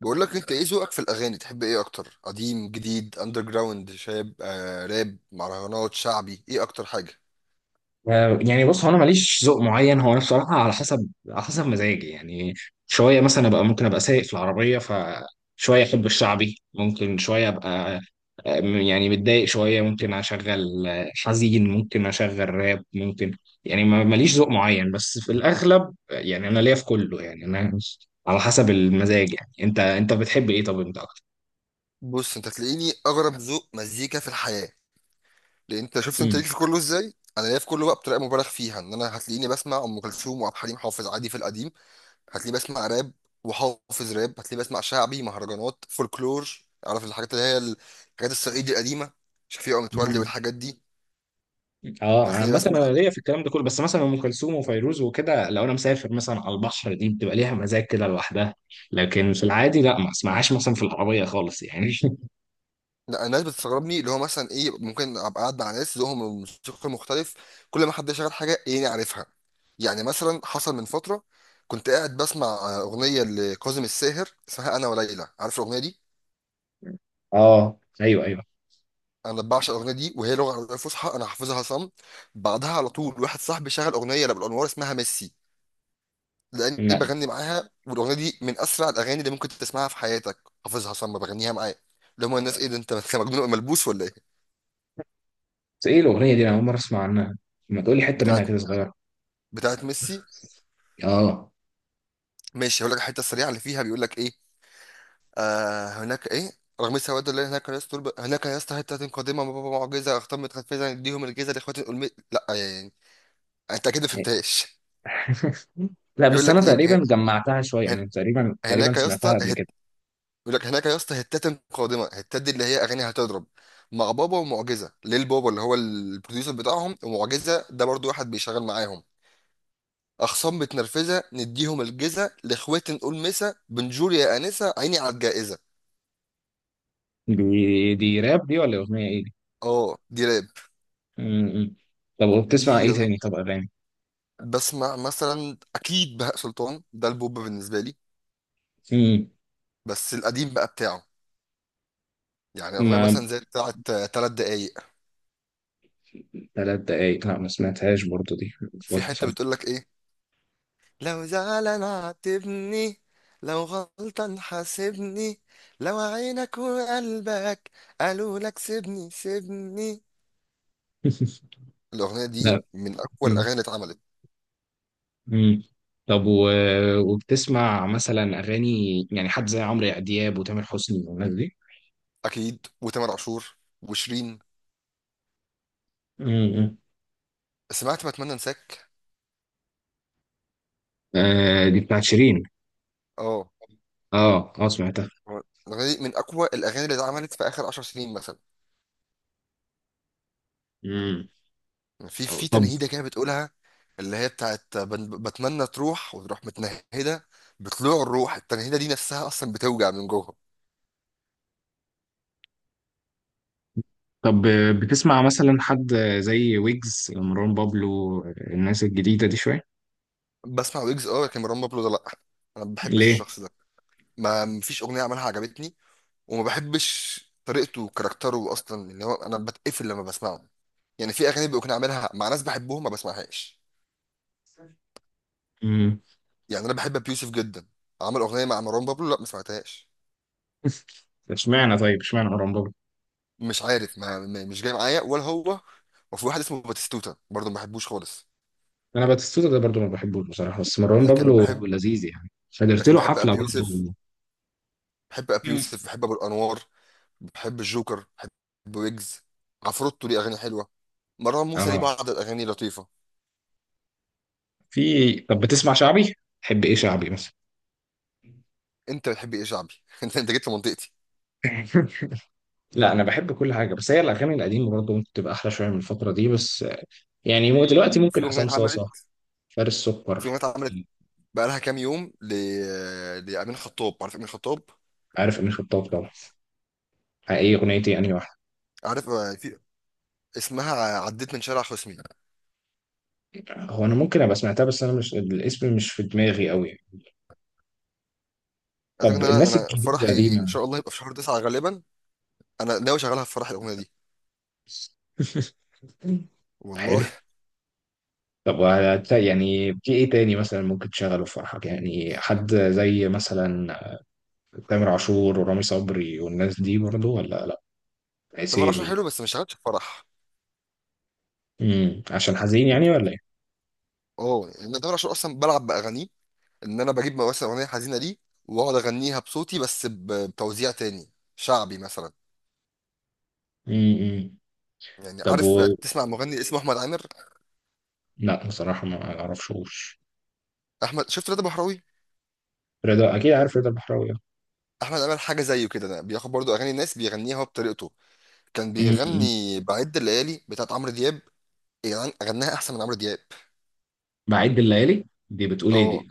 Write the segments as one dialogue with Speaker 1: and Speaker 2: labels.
Speaker 1: بقول لك، انت ايه ذوقك في الاغاني؟ تحب ايه اكتر، قديم، جديد، اندر جراوند، شاب، راب، مهرجانات، شعبي، ايه اكتر حاجه؟
Speaker 2: يعني بص، هو انا ماليش ذوق معين، هو انا بصراحه على حسب مزاجي يعني. شويه مثلا ابقى، ممكن ابقى سايق في العربيه فشويه احب الشعبي، ممكن شويه ابقى يعني متضايق شويه ممكن اشغل، حزين ممكن اشغل راب، ممكن يعني ماليش ذوق معين، بس في الاغلب يعني انا ليا في كله، يعني انا على حسب المزاج يعني. انت بتحب ايه؟ طب انت اكتر؟
Speaker 1: بص، انت تلاقيني اغرب ذوق مزيكا في الحياه. لان انت شفت انت ليك في كله ازاي؟ انا ليا في كله بقى بطريقه مبالغ فيها، ان انا هتلاقيني بسمع ام كلثوم وعبد الحليم حافظ عادي في القديم. هتلاقيني بسمع راب، وحافظ راب. هتلاقيني بسمع شعبي، مهرجانات، فولكلور. عارف الحاجات اللي هي الحاجات الصعيدي القديمه، شفيقة متولي
Speaker 2: مم.
Speaker 1: والحاجات دي.
Speaker 2: اه، انا
Speaker 1: هتلاقيني
Speaker 2: عامه
Speaker 1: بسمع.
Speaker 2: انا ليا في الكلام ده كله، بس مثلا ام كلثوم وفيروز وكده، لو انا مسافر مثلا على البحر دي بتبقى ليها مزاج كده لوحدها. لكن في العادي لا، ما اسمعهاش مثلا في العربيه خالص يعني.
Speaker 1: لا، الناس بتستغربني، اللي هو مثلا ايه، ممكن ابقى قاعد مع ناس ذوقهم الموسيقى مختلف، كل ما حد شغال حاجه ايه عارفها. يعني مثلا حصل من فتره، كنت قاعد بسمع اغنيه لكاظم الساهر اسمها انا وليلى، عارف الاغنيه دي؟
Speaker 2: اه، ايوه، ايوه.
Speaker 1: انا بعشق الاغنيه دي، وهي لغه عربيه فصحى، انا حافظها صم. بعدها على طول واحد صاحبي شغل اغنيه لابو الانوار اسمها ميسي، لاني
Speaker 2: لا،
Speaker 1: بغني معاها، والاغنيه دي من اسرع الاغاني اللي ممكن تسمعها في حياتك. حافظها صم، بغنيها معاه. اللي هم الناس، ايه ده، انت مجنون ملبوس ولا ايه؟
Speaker 2: بس ايه الاغنيه دي؟ انا اول مره اسمع عنها. ما تقولي حته منها
Speaker 1: بتاعت
Speaker 2: كده صغيره.
Speaker 1: بتاعت ميسي.
Speaker 2: اه.
Speaker 1: ماشي، هقول لك الحته السريعه اللي فيها بيقول لك ايه. هناك ايه، رغم السواد اللي هناك، يا اسطى هناك، يا اسطى حته قادمه، معجزه اختمت خفيزا، اديهم الجيزه لاخوات الألم. لا، يعني انت اكيد ما فهمتهاش.
Speaker 2: لا،
Speaker 1: بيقول
Speaker 2: بس انا
Speaker 1: لك ايه،
Speaker 2: تقريبا جمعتها شويه
Speaker 1: هن...
Speaker 2: يعني، تقريبا تقريبا
Speaker 1: هناك يا اسطى
Speaker 2: سمعتها قبل كده.
Speaker 1: بيقول لك هناك يا اسطى هتات قادمه، هتات دي اللي هي اغاني هتضرب مع بابا ومعجزه، ليل بابا اللي هو البروديوسر بتاعهم، ومعجزه ده برضو واحد بيشغل معاهم. اخصام متنرفزه، نديهم الجيزه، لاخوات نقول مسا بنجور يا انسه، عيني على الجائزه.
Speaker 2: دي راب دي ولا اغنيه ايه دي؟
Speaker 1: اه، دي راب
Speaker 2: م. طب وبتسمع
Speaker 1: دي.
Speaker 2: ايه تاني؟ طب اغاني.
Speaker 1: بسمع مثلا اكيد بهاء سلطان، ده البوب بالنسبه لي،
Speaker 2: م.
Speaker 1: بس القديم بقى بتاعه. يعني اغنيه
Speaker 2: ما،
Speaker 1: مثلا زي بتاعه 3 دقايق.
Speaker 2: 3 دقايق، لا ما سمعتهاش برضو، دي ما
Speaker 1: في
Speaker 2: فيهاش
Speaker 1: حته
Speaker 2: مسلسل.
Speaker 1: بتقول لك ايه، لو زعلان عاتبني، لو غلطان حاسبني، لو عينك وقلبك قالوا لك سيبني سيبني. الاغنيه
Speaker 2: لا.
Speaker 1: دي من اقوى
Speaker 2: مم.
Speaker 1: الاغاني اللي اتعملت.
Speaker 2: مم. طب و... وبتسمع مثلا اغاني، يعني حد زي عمرو دياب وتامر حسني والناس دي؟
Speaker 1: اكيد، وتامر عاشور وشيرين.
Speaker 2: امم
Speaker 1: سمعت بتمنى انساك؟
Speaker 2: آه، دي بتاعت شيرين.
Speaker 1: اه.
Speaker 2: اه، اه، سمعتها.
Speaker 1: الاغنيه دي من اقوى الاغاني اللي اتعملت في اخر 10 سنين مثلا.
Speaker 2: مم.
Speaker 1: في
Speaker 2: طب
Speaker 1: تنهيده كده بتقولها، اللي هي بتاعت بتمنى تروح، وتروح متنهده، بطلوع الروح. التنهيده دي نفسها اصلا بتوجع من جوه.
Speaker 2: طب، بتسمع مثلا حد زي ويجز، مروان بابلو، الناس الجديدة دي شوية؟
Speaker 1: بسمع ويجز اه، لكن مروان بابلو ده لا، انا ما بحبش
Speaker 2: ليه؟
Speaker 1: الشخص ده. ما مفيش اغنيه عملها عجبتني، وما بحبش طريقته وكاركتره اصلا، اللي هو انا بتقفل لما بسمعه. يعني في اغاني بيكون عاملها مع ناس بحبهم ما بسمعهاش.
Speaker 2: امم
Speaker 1: يعني انا بحب ابيوسف جدا، عمل اغنيه مع مروان بابلو لا ما سمعتهاش.
Speaker 2: اشمعنى؟ طيب اشمعنى مروان بابلو؟
Speaker 1: مش عارف، مش جاي معايا ولا هو. وفي واحد اسمه باتيستوتا برضه ما بحبوش خالص.
Speaker 2: انا باتيستوتا ده برضو ما بحبوش بصراحه، بس مروان
Speaker 1: لكن
Speaker 2: بابلو
Speaker 1: بحب
Speaker 2: لذيذ يعني، حضرت
Speaker 1: لكن
Speaker 2: له
Speaker 1: بحب
Speaker 2: حفله
Speaker 1: ابي يوسف،
Speaker 2: برضو.
Speaker 1: بحب ابي
Speaker 2: مم.
Speaker 1: يوسف، بحب ابو الانوار، بحب الجوكر، بحب ويجز. عفروتو ليه اغاني حلوه، مروان موسى ليه
Speaker 2: اه،
Speaker 1: بعض الاغاني لطيفه.
Speaker 2: في، طب بتسمع شعبي؟ تحب ايه شعبي مثلا؟
Speaker 1: انت بتحب ايه شعبي؟ انت جيت لمنطقتي.
Speaker 2: لا، انا بحب كل حاجه، بس هي الاغاني القديمه برضه ممكن تبقى احلى شويه من الفتره دي، بس يعني،
Speaker 1: في
Speaker 2: دلوقتي
Speaker 1: في
Speaker 2: ممكن
Speaker 1: اغنيه
Speaker 2: حسام صاصه،
Speaker 1: اتعملت
Speaker 2: فارس
Speaker 1: في
Speaker 2: سكر،
Speaker 1: اغنيه اتعملت بقى لها كام يوم لامين خطاب، عارف امين خطاب؟
Speaker 2: عارف امين خطاب طبعا. ايه اغنيتي، انهي واحده؟
Speaker 1: عارف في اسمها عديت من شارع خصمي.
Speaker 2: هو انا ممكن ابقى سمعتها، بس انا مش، الاسم مش في دماغي قوي.
Speaker 1: عايز أقول
Speaker 2: طب
Speaker 1: لك ان انا
Speaker 2: الناس
Speaker 1: انا
Speaker 2: الجديده دي
Speaker 1: فرحي ان
Speaker 2: ما.
Speaker 1: شاء الله هيبقى في شهر 9 غالبا، انا ناوي اشغلها في فرح الاغنيه دي. والله
Speaker 2: حلو. طب يعني في ايه تاني مثلا ممكن تشغله في فرحك؟ يعني حد زي مثلا تامر عاشور ورامي صبري والناس دي برضو، ولا لا،
Speaker 1: طب انا شغال
Speaker 2: عسيلي؟
Speaker 1: حلو بس مش شغالش في فرح.
Speaker 2: عشان حزين يعني، ولا ايه؟
Speaker 1: اه، يعني انا تامر عاشور اصلا بلعب باغانيه، ان انا بجيب مثلا اغنيه حزينه ليه، واقعد اغنيها بصوتي بس بتوزيع تاني شعبي مثلا.
Speaker 2: امم
Speaker 1: يعني
Speaker 2: طب
Speaker 1: عارف، تسمع مغني اسمه احمد عامر؟
Speaker 2: لا بصراحة ما اعرفشوش.
Speaker 1: شفت رضا بحراوي؟
Speaker 2: رضا، اكيد عارف رضا البحراوي.
Speaker 1: احمد عامر حاجه زيه كده، ده بياخد برضو اغاني الناس بيغنيها هو بطريقته. كان
Speaker 2: امم
Speaker 1: بيغني بعد الليالي بتاعت عمرو دياب، يعني غناها احسن من عمرو دياب.
Speaker 2: بعيد بالليالي دي بتقول ايه
Speaker 1: اه،
Speaker 2: دي؟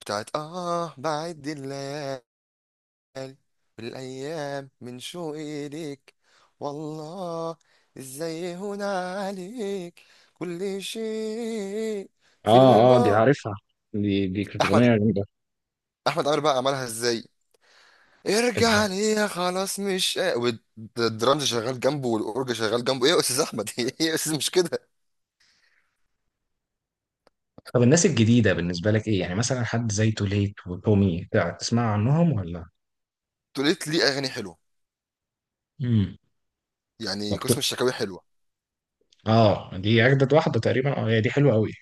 Speaker 1: بتاعت بعد الليالي، الأمل والأيام من شوقي ليك، والله إزاي هنا عليك، كل شيء في
Speaker 2: اه، اه، دي
Speaker 1: البعد.
Speaker 2: عارفها. دي كانت
Speaker 1: أحمد
Speaker 2: اغنية جامدة.
Speaker 1: أحمد عمرو بقى عملها إزاي،
Speaker 2: ازاي؟
Speaker 1: ارجع ليا خلاص مش والدرامز شغال جنبه، والأورج شغال جنبه، إيه يا أستاذ أحمد؟ إيه يا أستاذ، مش كده.
Speaker 2: طب الناس الجديدة بالنسبة لك ايه؟ يعني مثلا حد زي توليت وتومي، تسمع عنهم ولا؟
Speaker 1: توليت ليه أغاني حلوة،
Speaker 2: امم
Speaker 1: يعني
Speaker 2: طب،
Speaker 1: قسم الشكاوي حلوة.
Speaker 2: اه، دي اجدد واحده تقريبا. اه، هي دي حلوه قوي.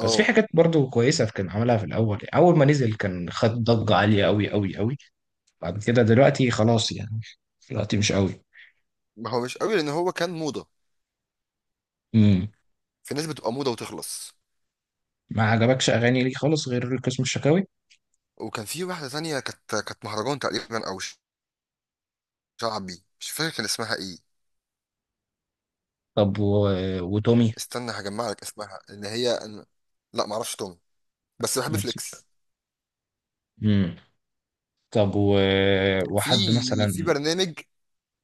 Speaker 2: بس في حاجات برضو كويسه كان عملها في الاول، اول ما نزل كان خد ضجه عاليه قوي قوي قوي. بعد كده دلوقتي خلاص يعني، دلوقتي مش قوي.
Speaker 1: ما هو مش قوي لأن هو كان موضة،
Speaker 2: امم
Speaker 1: في ناس بتبقى موضة وتخلص.
Speaker 2: ما عجبكش اغاني ليه خالص غير القسم الشكاوي؟
Speaker 1: وكان في واحدة تانية، كانت مهرجان تقريبا أو شعبي، مش فاكر كان اسمها ايه.
Speaker 2: طب و... وتومي؟
Speaker 1: استنى هجمع لك اسمها، ان هي أنا. لا، ما اعرفش توم، بس بحب فليكس.
Speaker 2: امم طب و...
Speaker 1: في
Speaker 2: وحد مثلا.
Speaker 1: في برنامج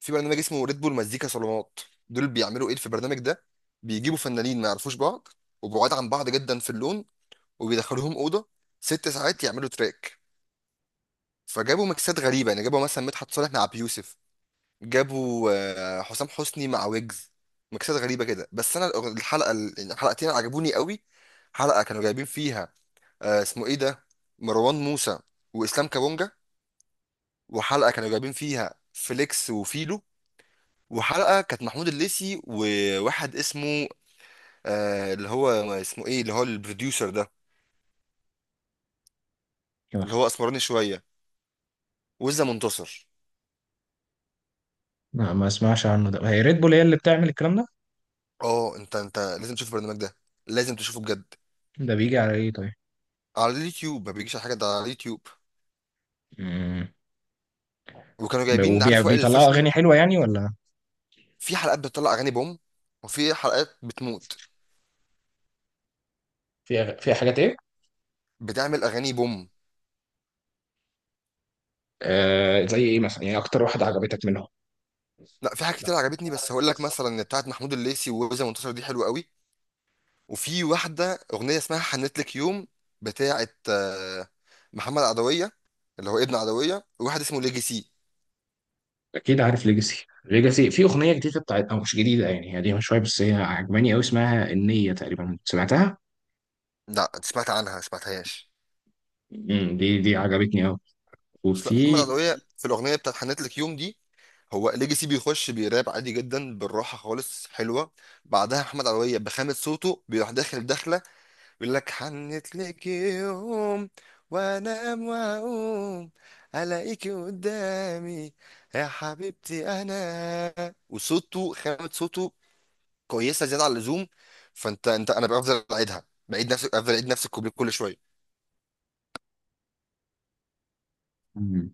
Speaker 1: في برنامج اسمه ريد بول مزيكا صالونات. دول بيعملوا ايه في البرنامج ده؟ بيجيبوا فنانين ما يعرفوش بعض، وبعاد عن بعض جدا في اللون، وبيدخلوهم اوضه 6 ساعات يعملوا تراك. فجابوا ميكسات غريبه، يعني جابوا مثلا مدحت صالح مع ابي يوسف، جابوا حسام حسني مع ويجز. ميكسات غريبه كده، بس انا يعني الحلقتين عجبوني قوي. حلقه كانوا جايبين فيها، اسمه ايه ده، مروان موسى واسلام كابونجا. وحلقه كانوا جايبين فيها فليكس وفيلو. وحلقه كانت محمود الليثي وواحد اسمه، اللي هو اسمه ايه، اللي هو البروديوسر ده، اللي هو اسمراني شويه، وزة منتصر.
Speaker 2: لا ما اسمعش عنه ده. هي ريد بول هي اللي بتعمل الكلام ده؟
Speaker 1: اه، انت لازم تشوف البرنامج ده، لازم تشوفه بجد.
Speaker 2: ده بيجي على ايه طيب؟
Speaker 1: على اليوتيوب، ما بيجيش على حاجه، ده على اليوتيوب.
Speaker 2: امم
Speaker 1: وكانوا جايبين، عارف وائل
Speaker 2: وبيطلعوا
Speaker 1: الفشني؟
Speaker 2: اغاني حلوه يعني ولا؟
Speaker 1: في حلقات بتطلع اغاني بوم، وفي حلقات بتموت.
Speaker 2: في حاجات ايه؟
Speaker 1: بتعمل اغاني بوم.
Speaker 2: آه، زي ايه مثلا يعني؟ اكتر واحده عجبتك منهم؟
Speaker 1: لا، في حاجات كتير عجبتني، بس هقول لك مثلا بتاعت محمود الليثي ووزن منتصر دي حلوه قوي. وفي واحده اغنيه اسمها حنت لك يوم، بتاعت محمد عدويه، اللي هو ابن عدويه، وواحد اسمه ليجيسي.
Speaker 2: اكيد عارف ليجاسي. ليجاسي في اغنيه جديده بتاعت، او مش جديده يعني، هي قديمه شويه، بس هي عجباني قوي، اسمها النيه تقريبا، سمعتها.
Speaker 1: لا، سمعت عنها سمعتهاش.
Speaker 2: دي عجبتني قوي.
Speaker 1: بس لا،
Speaker 2: وفي.
Speaker 1: محمد عدويه في الاغنيه بتاعت حنت لك يوم دي، هو ليجيسي بيخش بيراب عادي جدا بالراحه خالص حلوه. بعدها محمد عدويه بخامه صوته بيروح داخل داخله، يقول لك حنت لك يوم، وانام واقوم الاقيكي قدامي، يا حبيبتي انا. وصوته، خامة صوته كويسة زيادة عن اللزوم. فانت انا بفضل اعيدها بعيد نفس، افضل اعيد نفس الكوبليه كل شوية.
Speaker 2: مم.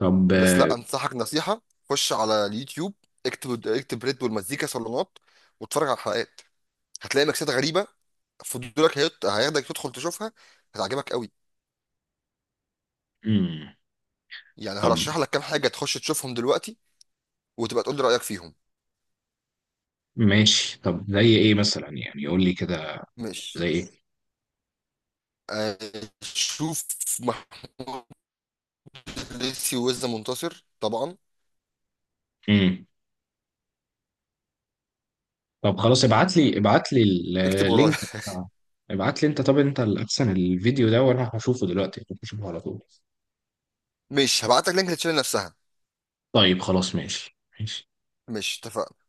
Speaker 2: طب.
Speaker 1: بس لا، انصحك نصيحة، خش على اليوتيوب، اكتب اكتب ريد بول مزيكا صالونات، واتفرج على الحلقات، هتلاقي ميكسات غريبة، فضولك هياخدك تدخل تشوفها، هتعجبك قوي.
Speaker 2: مم.
Speaker 1: يعني
Speaker 2: طب.
Speaker 1: هرشح لك كام حاجة تخش تشوفهم دلوقتي وتبقى تقول لي رأيك فيهم.
Speaker 2: ماشي، طب زي ايه مثلا يعني، قول لي كده،
Speaker 1: ماشي،
Speaker 2: زي ايه؟
Speaker 1: آه، شوف محلتي وزة منتصر طبعا،
Speaker 2: امم طب خلاص، ابعت لي، ابعت لي
Speaker 1: اكتب ورايا
Speaker 2: اللينك بتاع. ابعت لي انت، طب انت الاحسن، الفيديو ده وانا هشوفه دلوقتي، هشوفه على طول.
Speaker 1: ماشي هبعت لك لينك للتشانل نفسها.
Speaker 2: طيب، خلاص، ماشي ماشي.
Speaker 1: ماشي، اتفقنا.